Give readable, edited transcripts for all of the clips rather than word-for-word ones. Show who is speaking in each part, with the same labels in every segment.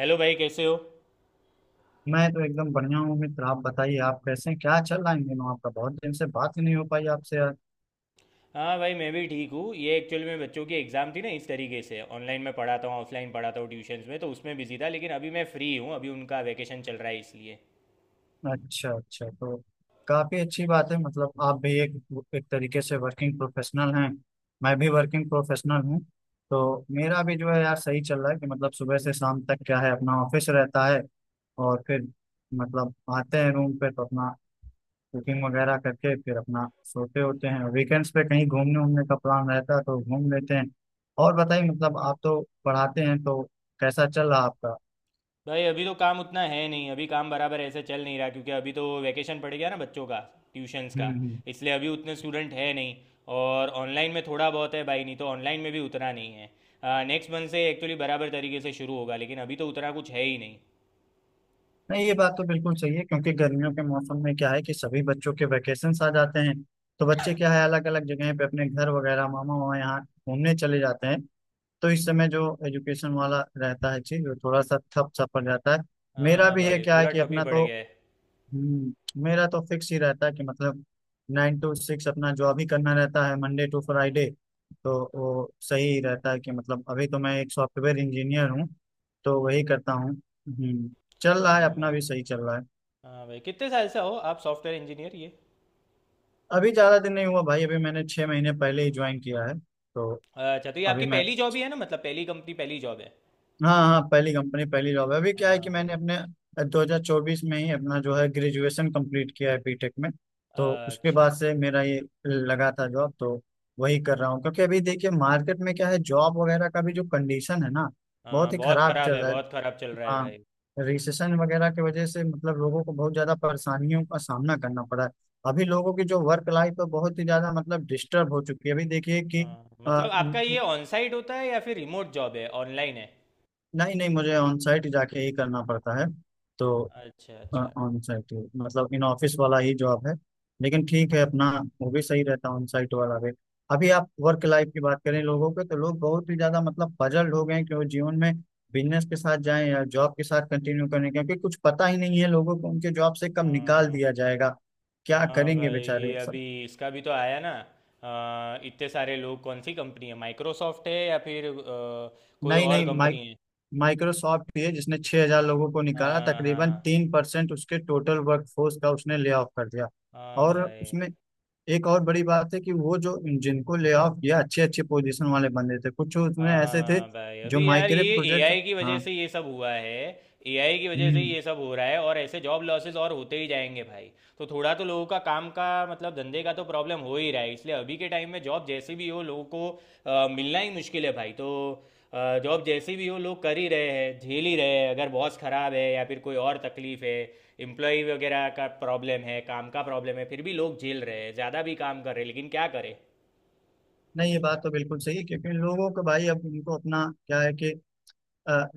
Speaker 1: Hello भाई, कैसे हो।
Speaker 2: मैं तो एकदम बढ़िया हूँ मित्र। आप बताइए, आप कैसे हैं? क्या चल रहा है इन दिनों आपका? बहुत दिन से बात ही नहीं हो पाई आपसे यार।
Speaker 1: हाँ भाई, मैं भी ठीक हूँ। ये एक्चुअल में बच्चों की एग्ज़ाम थी ना, इस तरीके से ऑनलाइन में पढ़ाता हूँ, ऑफलाइन पढ़ाता हूँ ट्यूशन्स में, तो उसमें बिजी था। लेकिन अभी मैं फ्री हूँ, अभी उनका वैकेशन चल रहा है इसलिए।
Speaker 2: अच्छा अच्छा। तो काफी अच्छी बात है, मतलब आप भी एक एक तरीके से वर्किंग प्रोफेशनल हैं। मैं भी वर्किंग प्रोफेशनल हूँ। तो मेरा भी जो है यार सही चल रहा है कि मतलब सुबह से शाम तक क्या है अपना ऑफिस रहता है। और फिर मतलब आते हैं रूम पे तो अपना कुकिंग वगैरह करके फिर अपना सोते होते हैं। वीकेंड्स पे कहीं घूमने उमने का प्लान रहता है तो घूम लेते हैं। और बताइए, मतलब आप तो पढ़ाते हैं तो कैसा चल रहा आपका?
Speaker 1: भाई अभी तो काम उतना है नहीं, अभी काम बराबर ऐसे चल नहीं रहा, क्योंकि अभी तो वैकेशन पड़ गया ना बच्चों का, ट्यूशन्स का।
Speaker 2: हम्म।
Speaker 1: इसलिए अभी उतने स्टूडेंट है नहीं। और ऑनलाइन में थोड़ा बहुत है भाई, नहीं तो ऑनलाइन में भी उतना नहीं है। नेक्स्ट मंथ से एक्चुअली बराबर तरीके से शुरू होगा, लेकिन अभी तो उतना कुछ है ही नहीं।
Speaker 2: नहीं ये बात तो बिल्कुल सही है क्योंकि गर्मियों के मौसम में क्या है कि सभी बच्चों के वैकेशंस आ जाते हैं। तो बच्चे क्या है, अलग अलग जगह पे अपने घर वगैरह मामा वहाँ यहाँ घूमने चले जाते हैं। तो इस समय जो एजुकेशन वाला रहता है चीज वो थोड़ा सा ठप सा पड़ जाता है। मेरा
Speaker 1: हाँ
Speaker 2: भी है,
Speaker 1: भाई,
Speaker 2: क्या है
Speaker 1: पूरा
Speaker 2: कि
Speaker 1: ठप ही
Speaker 2: अपना
Speaker 1: पड़
Speaker 2: तो
Speaker 1: गया है।
Speaker 2: मेरा तो फिक्स ही रहता है कि मतलब नाइन टू सिक्स अपना जॉब ही करना रहता है मंडे टू
Speaker 1: हम्म,
Speaker 2: फ्राइडे। तो वो सही ही रहता है कि मतलब अभी तो मैं एक सॉफ्टवेयर इंजीनियर हूँ। तो वही
Speaker 1: हम्म,
Speaker 2: करता हूँ। चल रहा है,
Speaker 1: हाँ
Speaker 2: अपना
Speaker 1: भाई।
Speaker 2: भी सही चल रहा है।
Speaker 1: हाँ भाई, कितने साल से हो आप सॉफ्टवेयर इंजीनियर ये।
Speaker 2: अभी ज़्यादा दिन नहीं हुआ भाई, अभी मैंने 6 महीने पहले ही ज्वाइन किया है तो।
Speaker 1: अच्छा, तो ये
Speaker 2: अभी
Speaker 1: आपकी
Speaker 2: मैं
Speaker 1: पहली जॉब ही है ना, मतलब पहली कंपनी पहली जॉब है।
Speaker 2: हाँ हाँ, पहली कंपनी पहली जॉब है। अभी क्या है
Speaker 1: हाँ
Speaker 2: कि मैंने
Speaker 1: भाई।
Speaker 2: अपने 2024 में ही अपना जो है ग्रेजुएशन कंप्लीट किया है बीटेक में। तो उसके
Speaker 1: अच्छा।
Speaker 2: बाद से मेरा ये लगा था जॉब, तो वही कर रहा हूँ क्योंकि अभी देखिए मार्केट में क्या है जॉब वगैरह का भी जो कंडीशन है ना बहुत
Speaker 1: हाँ,
Speaker 2: ही
Speaker 1: बहुत
Speaker 2: खराब चल
Speaker 1: खराब है,
Speaker 2: रहा है।
Speaker 1: बहुत खराब चल रहा है
Speaker 2: हाँ।
Speaker 1: भाई।
Speaker 2: रिसेशन वगैरह की वजह से मतलब लोगों को बहुत ज्यादा परेशानियों का सामना करना पड़ा है। अभी लोगों की जो वर्क लाइफ है बहुत ही ज्यादा मतलब डिस्टर्ब हो चुकी है, अभी देखिए कि
Speaker 1: हाँ, मतलब आपका ये ऑन साइट होता है या फिर रिमोट जॉब है, ऑनलाइन है।
Speaker 2: नहीं नहीं, मुझे ऑन साइट जाके ही करना पड़ता है तो।
Speaker 1: अच्छा अच्छा।
Speaker 2: ऑन साइट ही, मतलब इन ऑफिस वाला ही जॉब है। लेकिन ठीक है अपना, वो भी सही रहता है ऑन साइट वाला भी। अभी आप वर्क लाइफ की बात करें लोगों के तो लोग बहुत ही ज्यादा मतलब पजल्ड हो गए हैं कि वो जीवन में बिजनेस के साथ जाएं या जॉब के साथ कंटिन्यू करें क्योंकि कुछ पता ही नहीं है लोगों को उनके जॉब से कब निकाल
Speaker 1: हाँ।
Speaker 2: दिया जाएगा। क्या
Speaker 1: हाँ
Speaker 2: करेंगे
Speaker 1: भाई, ये
Speaker 2: बेचारे सब।
Speaker 1: अभी इसका भी तो आया ना। इतने सारे लोग, कौन सी कंपनी है, माइक्रोसॉफ्ट है या फिर कोई
Speaker 2: नई
Speaker 1: और
Speaker 2: नई
Speaker 1: कंपनी है।
Speaker 2: माइक्रोसॉफ्ट ही है जिसने 6,000 लोगों को निकाला,
Speaker 1: हाँ
Speaker 2: तकरीबन
Speaker 1: हाँ।
Speaker 2: 3% उसके टोटल वर्कफोर्स का उसने ले ऑफ कर दिया।
Speaker 1: हाँ
Speaker 2: और
Speaker 1: भाई।
Speaker 2: उसमें एक और बड़ी बात है कि वो जो जिनको ले ऑफ किया अच्छे अच्छे पोजीशन वाले बंदे थे, कुछ उसमें ऐसे थे
Speaker 1: हाँ भाई,
Speaker 2: जो
Speaker 1: अभी यार
Speaker 2: माइक्रो
Speaker 1: ये
Speaker 2: प्रोजेक्ट।
Speaker 1: एआई की वजह
Speaker 2: हाँ।
Speaker 1: से ये सब हुआ है। एआई की वजह से
Speaker 2: हम्म।
Speaker 1: ये सब हो रहा है, और ऐसे जॉब लॉसेस और होते ही जाएंगे भाई। तो थोड़ा तो लोगों का काम का, मतलब धंधे का तो प्रॉब्लम हो ही रहा है, इसलिए अभी के टाइम में जॉब जैसी भी हो लोगों को मिलना ही मुश्किल है भाई। तो जॉब जैसी भी हो लोग कर ही रहे हैं, झेल ही रहे हैं। अगर बॉस खराब है या फिर कोई और तकलीफ है, एम्प्लॉय वगैरह का प्रॉब्लम है, काम का प्रॉब्लम है, फिर भी लोग झेल रहे हैं, ज़्यादा भी काम कर रहे हैं, लेकिन क्या करें।
Speaker 2: नहीं ये बात तो बिल्कुल सही है क्योंकि लोगों को भाई अब उनको अपना क्या है कि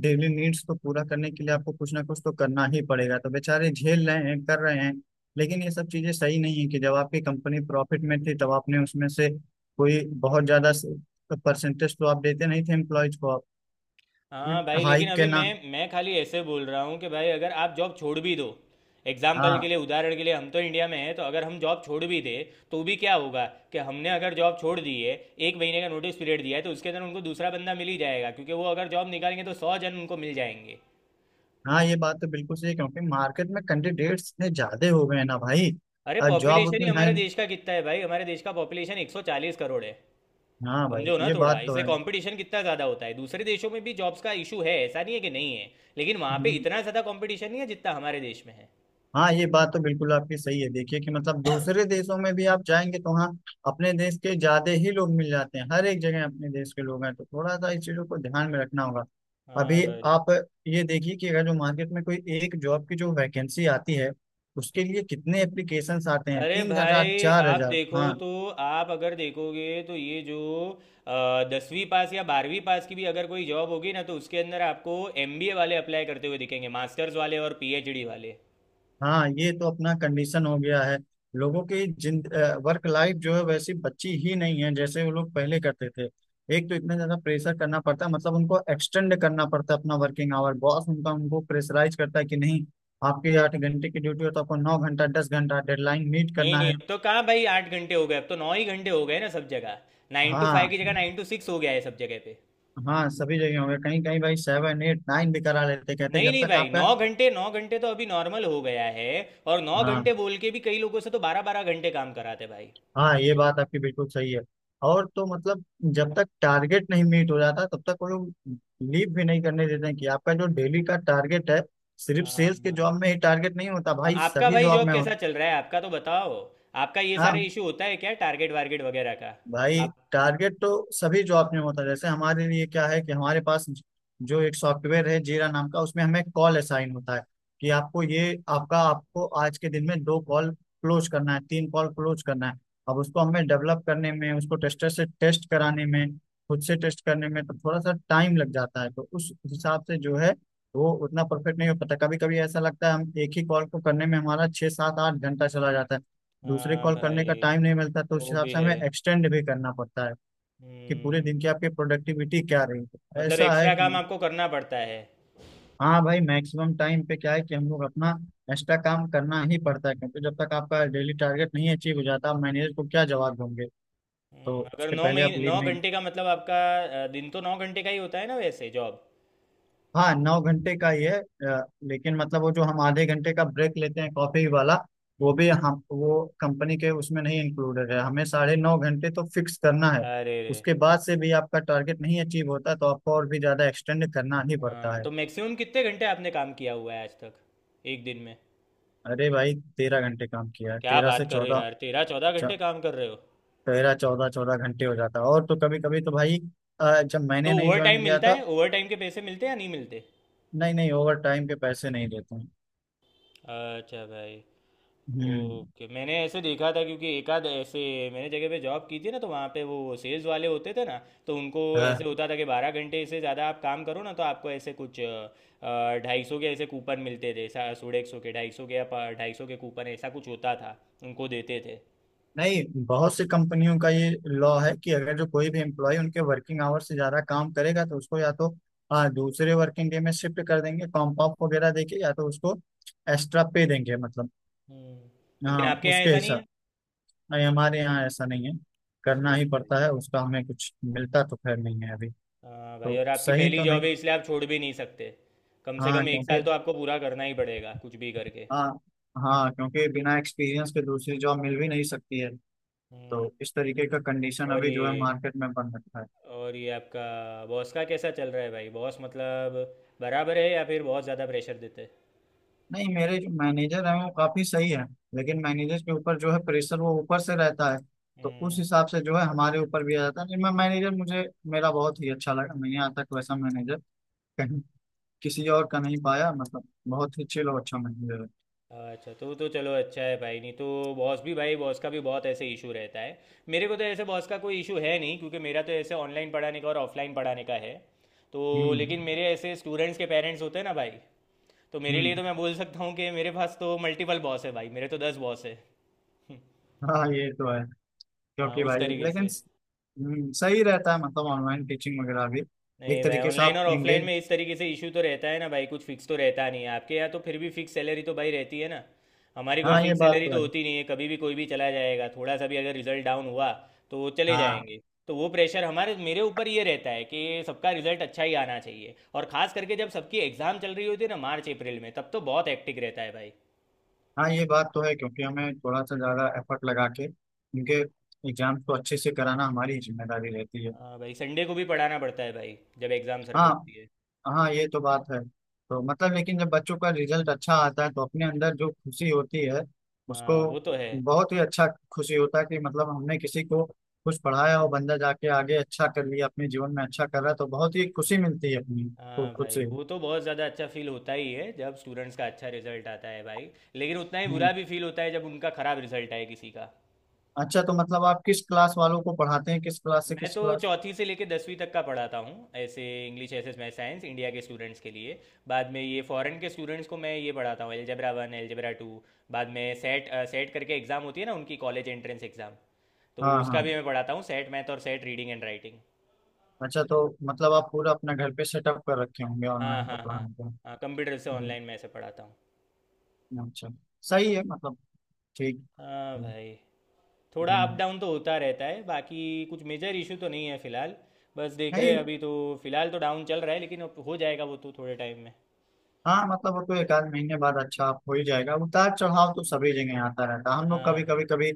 Speaker 2: डेली नीड्स को पूरा करने के लिए आपको कुछ ना कुछ तो करना ही पड़ेगा तो बेचारे झेल रहे हैं कर रहे हैं। लेकिन ये सब चीजें सही नहीं है कि जब आपकी कंपनी प्रॉफिट में थी तब आपने उसमें से कोई बहुत ज्यादा परसेंटेज तो आप देते नहीं थे एम्प्लॉयज को आप
Speaker 1: हाँ भाई, लेकिन
Speaker 2: हाइक के
Speaker 1: अभी
Speaker 2: ना।
Speaker 1: मैं खाली ऐसे बोल रहा हूँ कि भाई अगर आप जॉब छोड़ भी दो, एग्जाम्पल के
Speaker 2: हाँ
Speaker 1: लिए, उदाहरण के लिए, हम तो इंडिया में हैं, तो अगर हम जॉब छोड़ भी दें तो भी क्या होगा। कि हमने अगर जॉब छोड़ दी है, एक महीने का नोटिस पीरियड दिया है, तो उसके अंदर उनको दूसरा बंदा मिल ही जाएगा, क्योंकि वो अगर जॉब निकालेंगे तो 100 जन उनको मिल जाएंगे।
Speaker 2: हाँ, ये बात तो बिल्कुल सही है क्योंकि मार्केट में कैंडिडेट्स इतने ज्यादा हो गए हैं ना भाई।
Speaker 1: अरे,
Speaker 2: और जॉब
Speaker 1: पॉपुलेशन ही
Speaker 2: उतनी है
Speaker 1: हमारे
Speaker 2: नहीं।
Speaker 1: देश का कितना है भाई, हमारे देश का पॉपुलेशन 140 करोड़ है।
Speaker 2: हाँ भाई
Speaker 1: समझो ना
Speaker 2: ये
Speaker 1: थोड़ा,
Speaker 2: बात तो
Speaker 1: इसलिए
Speaker 2: है।
Speaker 1: कंपटीशन कितना ज़्यादा होता है। दूसरे देशों में भी जॉब्स का इशू है, ऐसा नहीं है कि नहीं है, लेकिन वहाँ पे
Speaker 2: हम्म।
Speaker 1: इतना ज़्यादा कंपटीशन नहीं है जितना हमारे देश में है।
Speaker 2: हाँ ये बात तो बिल्कुल आपकी सही है, देखिए कि मतलब दूसरे देशों में भी आप जाएंगे तो हाँ अपने देश के ज्यादा ही लोग मिल जाते हैं, हर एक जगह अपने देश के लोग हैं तो थोड़ा सा इस चीजों को ध्यान में रखना होगा।
Speaker 1: हाँ
Speaker 2: अभी
Speaker 1: भाई।
Speaker 2: आप ये देखिए कि अगर जो मार्केट में कोई एक जॉब की जो वैकेंसी आती है उसके लिए कितने एप्लीकेशंस आते हैं?
Speaker 1: अरे
Speaker 2: 3 हज़ार
Speaker 1: भाई,
Speaker 2: चार
Speaker 1: आप
Speaker 2: हजार
Speaker 1: देखो
Speaker 2: हाँ
Speaker 1: तो, आप अगर देखोगे तो ये जो 10वीं पास या 12वीं पास की भी अगर कोई जॉब होगी ना, तो उसके अंदर आपको एमबीए वाले अप्लाई करते हुए दिखेंगे, मास्टर्स वाले और पीएचडी वाले।
Speaker 2: हाँ, ये तो अपना कंडीशन हो गया है लोगों की। जिन वर्क लाइफ जो है वैसी बची ही नहीं है जैसे वो लोग पहले करते थे। एक तो इतना ज्यादा प्रेशर करना पड़ता है मतलब उनको एक्सटेंड करना पड़ता है अपना वर्किंग आवर, बॉस उनका उनको प्रेशराइज करता है कि नहीं आपके 8 घंटे की ड्यूटी हो तो आपको 9 घंटा 10 घंटा डेडलाइन मीट
Speaker 1: नहीं
Speaker 2: करना
Speaker 1: नहीं,
Speaker 2: है।
Speaker 1: अब तो कहाँ भाई 8 घंटे हो गए, अब तो 9 ही घंटे हो गए ना सब जगह। 9 टू 5
Speaker 2: हाँ
Speaker 1: की जगह 9 टू 6 हो गया है सब जगह पे।
Speaker 2: हाँ, सभी जगह होंगे कहीं कहीं भाई सेवन एट नाइन भी करा लेते, कहते हैं
Speaker 1: नहीं
Speaker 2: जब
Speaker 1: नहीं
Speaker 2: तक
Speaker 1: भाई,
Speaker 2: आपका।
Speaker 1: 9 घंटे 9 घंटे तो अभी नॉर्मल हो गया है। और नौ
Speaker 2: हाँ
Speaker 1: घंटे बोल के भी कई लोगों से तो 12 12 घंटे काम कराते भाई।
Speaker 2: हाँ, ये बात आपकी बिल्कुल सही है। और तो मतलब जब तक टारगेट नहीं मीट हो जाता तब तक वो लोग लीव भी नहीं करने देते हैं कि आपका जो डेली का टारगेट है। सिर्फ सेल्स के
Speaker 1: हाँ।
Speaker 2: जॉब में ही टारगेट नहीं होता
Speaker 1: हाँ,
Speaker 2: भाई,
Speaker 1: आपका
Speaker 2: सभी
Speaker 1: भाई
Speaker 2: जॉब
Speaker 1: जॉब
Speaker 2: में
Speaker 1: कैसा
Speaker 2: होता।
Speaker 1: चल रहा है, आपका तो बताओ। आपका ये सारे
Speaker 2: हाँ
Speaker 1: इशू होता है क्या, टारगेट वारगेट वगैरह का।
Speaker 2: भाई,
Speaker 1: आप।
Speaker 2: टारगेट तो सभी जॉब में होता है। जैसे हमारे लिए क्या है कि हमारे पास जो एक सॉफ्टवेयर है जीरा नाम का उसमें हमें कॉल असाइन होता है कि आपको ये आपका आपको आज के दिन में 2 कॉल क्लोज करना है 3 कॉल क्लोज करना है। अब उसको हमें डेवलप करने में उसको टेस्टर से टेस्ट कराने में खुद से टेस्ट करने में तो थोड़ा सा टाइम लग जाता है तो उस हिसाब से जो है वो उतना परफेक्ट नहीं हो पाता। कभी कभी ऐसा लगता है हम एक ही कॉल को करने में हमारा छः सात आठ घंटा चला जाता है, दूसरे
Speaker 1: हाँ
Speaker 2: कॉल करने का
Speaker 1: भाई।
Speaker 2: टाइम नहीं मिलता तो उस
Speaker 1: वो
Speaker 2: हिसाब
Speaker 1: भी
Speaker 2: से
Speaker 1: है।
Speaker 2: हमें एक्सटेंड भी करना पड़ता है कि पूरे
Speaker 1: हम्म
Speaker 2: दिन की आपकी प्रोडक्टिविटी क्या रही है।
Speaker 1: मतलब
Speaker 2: ऐसा है
Speaker 1: एक्स्ट्रा काम
Speaker 2: कि
Speaker 1: आपको करना पड़ता है।
Speaker 2: हाँ भाई, मैक्सिमम टाइम पे क्या है कि हम लोग अपना एक्स्ट्रा काम करना ही पड़ता है क्योंकि जब तक आपका डेली टारगेट नहीं अचीव हो जाता आप मैनेजर को क्या जवाब दोगे? तो
Speaker 1: अगर
Speaker 2: उसके पहले आप
Speaker 1: नौ
Speaker 2: लीव नहीं।
Speaker 1: घंटे का मतलब आपका दिन तो 9 घंटे का ही होता है ना वैसे जॉब।
Speaker 2: हाँ नौ घंटे का ही है, लेकिन मतलब वो जो हम आधे घंटे का ब्रेक लेते हैं कॉफी वाला
Speaker 1: हम्म,
Speaker 2: वो भी हम वो कंपनी के उसमें नहीं इंक्लूडेड है, हमें 9:30 घंटे तो फिक्स करना है।
Speaker 1: अरे रे।
Speaker 2: उसके बाद से भी आपका टारगेट नहीं अचीव होता तो आपको और भी ज्यादा एक्सटेंड करना ही पड़ता
Speaker 1: हाँ,
Speaker 2: है।
Speaker 1: तो मैक्सिमम कितने घंटे आपने काम किया हुआ है आज तक, एक दिन में।
Speaker 2: अरे भाई, 13 घंटे काम किया है,
Speaker 1: क्या
Speaker 2: तेरह से
Speaker 1: बात कर रहे हो
Speaker 2: चौदह
Speaker 1: यार, 13-14 घंटे काम कर रहे हो।
Speaker 2: तेरह चौदह चौदह घंटे हो जाता है। और तो कभी कभी तो भाई जब
Speaker 1: तो
Speaker 2: मैंने नहीं
Speaker 1: ओवर
Speaker 2: ज्वाइन
Speaker 1: टाइम
Speaker 2: किया
Speaker 1: मिलता
Speaker 2: था।
Speaker 1: है, ओवर टाइम के पैसे मिलते हैं या नहीं मिलते।
Speaker 2: नहीं नहीं, ओवर टाइम के पैसे नहीं देते हैं।
Speaker 1: अच्छा भाई।
Speaker 2: हम्म।
Speaker 1: ओके, मैंने ऐसे देखा था क्योंकि एक आध ऐसे मैंने जगह पे जॉब की थी ना, तो वहाँ पे वो सेल्स वाले होते थे ना, तो उनको ऐसे होता था कि 12 घंटे से ज़्यादा आप काम करो ना तो आपको ऐसे कुछ 250 के ऐसे कूपन मिलते थे। सोलह 100 के, 250 के, या 250 के कूपन ऐसा कुछ होता था, उनको देते थे।
Speaker 2: नहीं बहुत सी कंपनियों का ये लॉ है कि अगर जो कोई भी एम्प्लॉय उनके वर्किंग आवर से ज्यादा काम करेगा तो उसको या तो दूसरे वर्किंग डे में शिफ्ट कर देंगे कॉम्प ऑफ वगैरह देके या तो उसको एक्स्ट्रा पे देंगे मतलब।
Speaker 1: हम्म। लेकिन
Speaker 2: हाँ
Speaker 1: आपके यहाँ
Speaker 2: उसके
Speaker 1: ऐसा नहीं है।
Speaker 2: हिसाब, नहीं हमारे यहाँ ऐसा नहीं है। करना
Speaker 1: अरे
Speaker 2: ही
Speaker 1: भाई।
Speaker 2: पड़ता है, उसका हमें कुछ मिलता तो खैर नहीं है अभी।
Speaker 1: हाँ भाई,
Speaker 2: तो
Speaker 1: और आपकी
Speaker 2: सही
Speaker 1: पहली
Speaker 2: तो
Speaker 1: जॉब
Speaker 2: नहीं।
Speaker 1: है इसलिए आप छोड़ भी नहीं सकते। कम से
Speaker 2: हाँ
Speaker 1: कम 1 साल
Speaker 2: क्योंकि
Speaker 1: तो आपको पूरा करना ही पड़ेगा कुछ भी करके।
Speaker 2: हाँ हाँ क्योंकि बिना एक्सपीरियंस के दूसरी जॉब मिल भी नहीं सकती है।
Speaker 1: हम्म
Speaker 2: तो इस तरीके का कंडीशन
Speaker 1: और
Speaker 2: अभी जो है
Speaker 1: ये,
Speaker 2: मार्केट में बन रखा है।
Speaker 1: आपका बॉस का कैसा चल रहा है भाई, बॉस मतलब बराबर है या फिर बहुत ज़्यादा प्रेशर देते हैं।
Speaker 2: नहीं, मेरे जो मैनेजर हैं वो काफी सही है। लेकिन मैनेजर के ऊपर जो है प्रेशर वो ऊपर से रहता है। तो उस
Speaker 1: हम्म,
Speaker 2: हिसाब से जो है हमारे ऊपर भी आ जाता है। नहीं मैं मैनेजर, मुझे मेरा बहुत ही अच्छा लगा। मैंने यहाँ तक वैसा मैनेजर कहीं किसी और का नहीं पाया, मतलब बहुत ही चिल और अच्छा मैनेजर है।
Speaker 1: अच्छा। तो चलो, अच्छा है भाई, नहीं तो बॉस भी भाई, बॉस का भी बहुत ऐसे इशू रहता है। मेरे को तो ऐसे बॉस का कोई इशू है नहीं, क्योंकि मेरा तो ऐसे ऑनलाइन पढ़ाने का और ऑफलाइन पढ़ाने का है। तो
Speaker 2: हम्म
Speaker 1: लेकिन मेरे ऐसे स्टूडेंट्स के पेरेंट्स होते हैं ना भाई, तो मेरे लिए
Speaker 2: हम्म।
Speaker 1: तो मैं बोल सकता हूँ कि मेरे पास तो मल्टीपल बॉस है भाई, मेरे तो 10 बॉस है।
Speaker 2: हाँ ये तो है
Speaker 1: हाँ,
Speaker 2: क्योंकि
Speaker 1: उस
Speaker 2: भाई
Speaker 1: तरीके
Speaker 2: लेकिन
Speaker 1: से।
Speaker 2: सही रहता है मतलब ऑनलाइन टीचिंग वगैरह भी
Speaker 1: नहीं
Speaker 2: एक
Speaker 1: भाई,
Speaker 2: तरीके से
Speaker 1: ऑनलाइन
Speaker 2: आप
Speaker 1: और ऑफलाइन
Speaker 2: इंगेज।
Speaker 1: में इस तरीके से इशू तो रहता है ना भाई, कुछ फिक्स तो रहता नहीं है। आपके यहाँ तो फिर भी फिक्स सैलरी तो भाई रहती है ना, हमारी कोई
Speaker 2: हाँ ये
Speaker 1: फिक्स
Speaker 2: बात
Speaker 1: सैलरी
Speaker 2: तो
Speaker 1: तो
Speaker 2: है।
Speaker 1: होती नहीं है। कभी भी कोई भी चला जाएगा, थोड़ा सा भी अगर रिजल्ट डाउन हुआ तो वो चले
Speaker 2: हाँ
Speaker 1: जाएंगे। तो वो प्रेशर हमारे, मेरे ऊपर ये रहता है कि सबका रिजल्ट अच्छा ही आना चाहिए, और खास करके जब सबकी एग्जाम चल रही होती है ना मार्च अप्रैल में, तब तो बहुत हेक्टिक रहता है भाई।
Speaker 2: हाँ, ये बात तो है क्योंकि हमें थोड़ा सा ज़्यादा एफर्ट लगा के उनके एग्जाम को अच्छे से कराना हमारी जिम्मेदारी रहती है।
Speaker 1: हाँ भाई, संडे को भी पढ़ाना पड़ता है भाई जब एग्जाम सर पे
Speaker 2: हाँ
Speaker 1: होती है।
Speaker 2: हाँ, ये तो बात है। तो मतलब लेकिन जब बच्चों का रिजल्ट अच्छा आता है तो अपने अंदर जो खुशी होती है उसको
Speaker 1: हाँ वो तो है।
Speaker 2: बहुत ही अच्छा खुशी होता है कि मतलब हमने किसी को कुछ पढ़ाया और बंदा जाके आगे अच्छा कर लिया, अपने जीवन में अच्छा कर रहा है तो बहुत ही खुशी मिलती है अपनी को
Speaker 1: हाँ
Speaker 2: खुद
Speaker 1: भाई,
Speaker 2: से।
Speaker 1: वो तो बहुत ज़्यादा अच्छा फील होता ही है जब स्टूडेंट्स का अच्छा रिजल्ट आता है भाई। लेकिन उतना ही
Speaker 2: हम्म।
Speaker 1: बुरा भी फील होता है जब उनका ख़राब रिजल्ट आए किसी का।
Speaker 2: अच्छा तो मतलब आप किस क्लास वालों को पढ़ाते हैं? किस क्लास से
Speaker 1: मैं
Speaker 2: किस
Speaker 1: तो
Speaker 2: क्लास?
Speaker 1: 4थी से लेके 10वीं तक का पढ़ाता हूँ ऐसे, English, SS, math, science, India के स्टूडेंट्स के लिए। बाद में ये फॉरेन के स्टूडेंट्स को मैं ये पढ़ाता हूँ, एलजेब्रा 1, एलजेब्रा 2। बाद में सेट, सेट करके एग्ज़ाम होती है ना उनकी, कॉलेज एंट्रेंस एग्ज़ाम,
Speaker 2: हाँ
Speaker 1: तो उसका
Speaker 2: हाँ।
Speaker 1: भी मैं पढ़ाता हूँ, सेट मैथ और सेट रीडिंग एंड राइटिंग।
Speaker 2: अच्छा तो मतलब आप पूरा अपना घर पे सेटअप कर रखे होंगे
Speaker 1: हाँ
Speaker 2: ऑनलाइन का
Speaker 1: हाँ। हाँ।
Speaker 2: पढ़ाने का।
Speaker 1: हाँ, कंप्यूटर से
Speaker 2: हम्म,
Speaker 1: ऑनलाइन मैं ऐसे पढ़ाता हूँ।
Speaker 2: अच्छा। सही है मतलब ठीक।
Speaker 1: हाँ
Speaker 2: हम्म,
Speaker 1: भाई। थोड़ा अप
Speaker 2: हम्म।
Speaker 1: डाउन तो होता रहता है, बाकी कुछ मेजर इशू तो नहीं है फिलहाल। बस देख रहे
Speaker 2: नहीं।
Speaker 1: हैं अभी तो, फिलहाल तो डाउन चल रहा है लेकिन अब हो जाएगा वो तो थोड़े टाइम में।
Speaker 2: हाँ मतलब वो तो एक आध महीने बाद अच्छा हो ही जाएगा, उतार चढ़ाव तो
Speaker 1: हम्म,
Speaker 2: सभी जगह आता रहता है। हम लोग
Speaker 1: हाँ
Speaker 2: कभी कभी
Speaker 1: भाई।
Speaker 2: कभी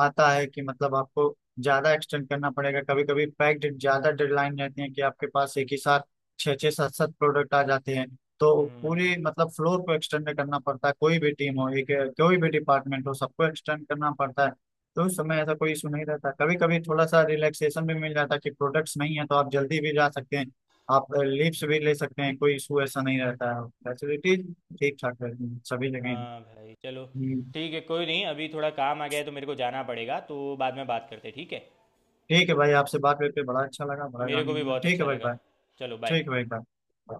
Speaker 2: आता है कि मतलब आपको ज्यादा एक्सटेंड करना पड़ेगा, कभी कभी पैक्ड ज्यादा डेडलाइन रहती है कि आपके पास एक ही साथ छः छः सात सात प्रोडक्ट आ जाते हैं। तो
Speaker 1: हम्म।
Speaker 2: पूरी मतलब फ्लोर को एक्सटेंड करना पड़ता है, कोई भी टीम हो एक कोई भी डिपार्टमेंट हो सबको एक्सटेंड करना पड़ता है। तो उस समय ऐसा कोई इशू नहीं रहता, कभी कभी थोड़ा सा रिलैक्सेशन भी मिल जाता है कि प्रोडक्ट्स नहीं है तो आप जल्दी भी जा सकते हैं आप
Speaker 1: हाँ।
Speaker 2: लीव्स भी ले सकते हैं। कोई इशू ऐसा नहीं रहता है, फैसिलिटीज ठीक ठाक रहती हैं सभी जगह।
Speaker 1: हाँ भाई चलो,
Speaker 2: हम्म,
Speaker 1: ठीक है कोई नहीं, अभी थोड़ा काम आ गया है तो मेरे को जाना पड़ेगा, तो बाद में बात करते हैं, ठीक है।
Speaker 2: ठीक है भाई आपसे बात करके बड़ा अच्छा लगा, बड़ा
Speaker 1: मेरे को
Speaker 2: जानने
Speaker 1: भी
Speaker 2: को मिला।
Speaker 1: बहुत
Speaker 2: ठीक
Speaker 1: अच्छा
Speaker 2: है भाई
Speaker 1: लगा।
Speaker 2: बाय।
Speaker 1: चलो
Speaker 2: ठीक
Speaker 1: बाय।
Speaker 2: है भाई बाय।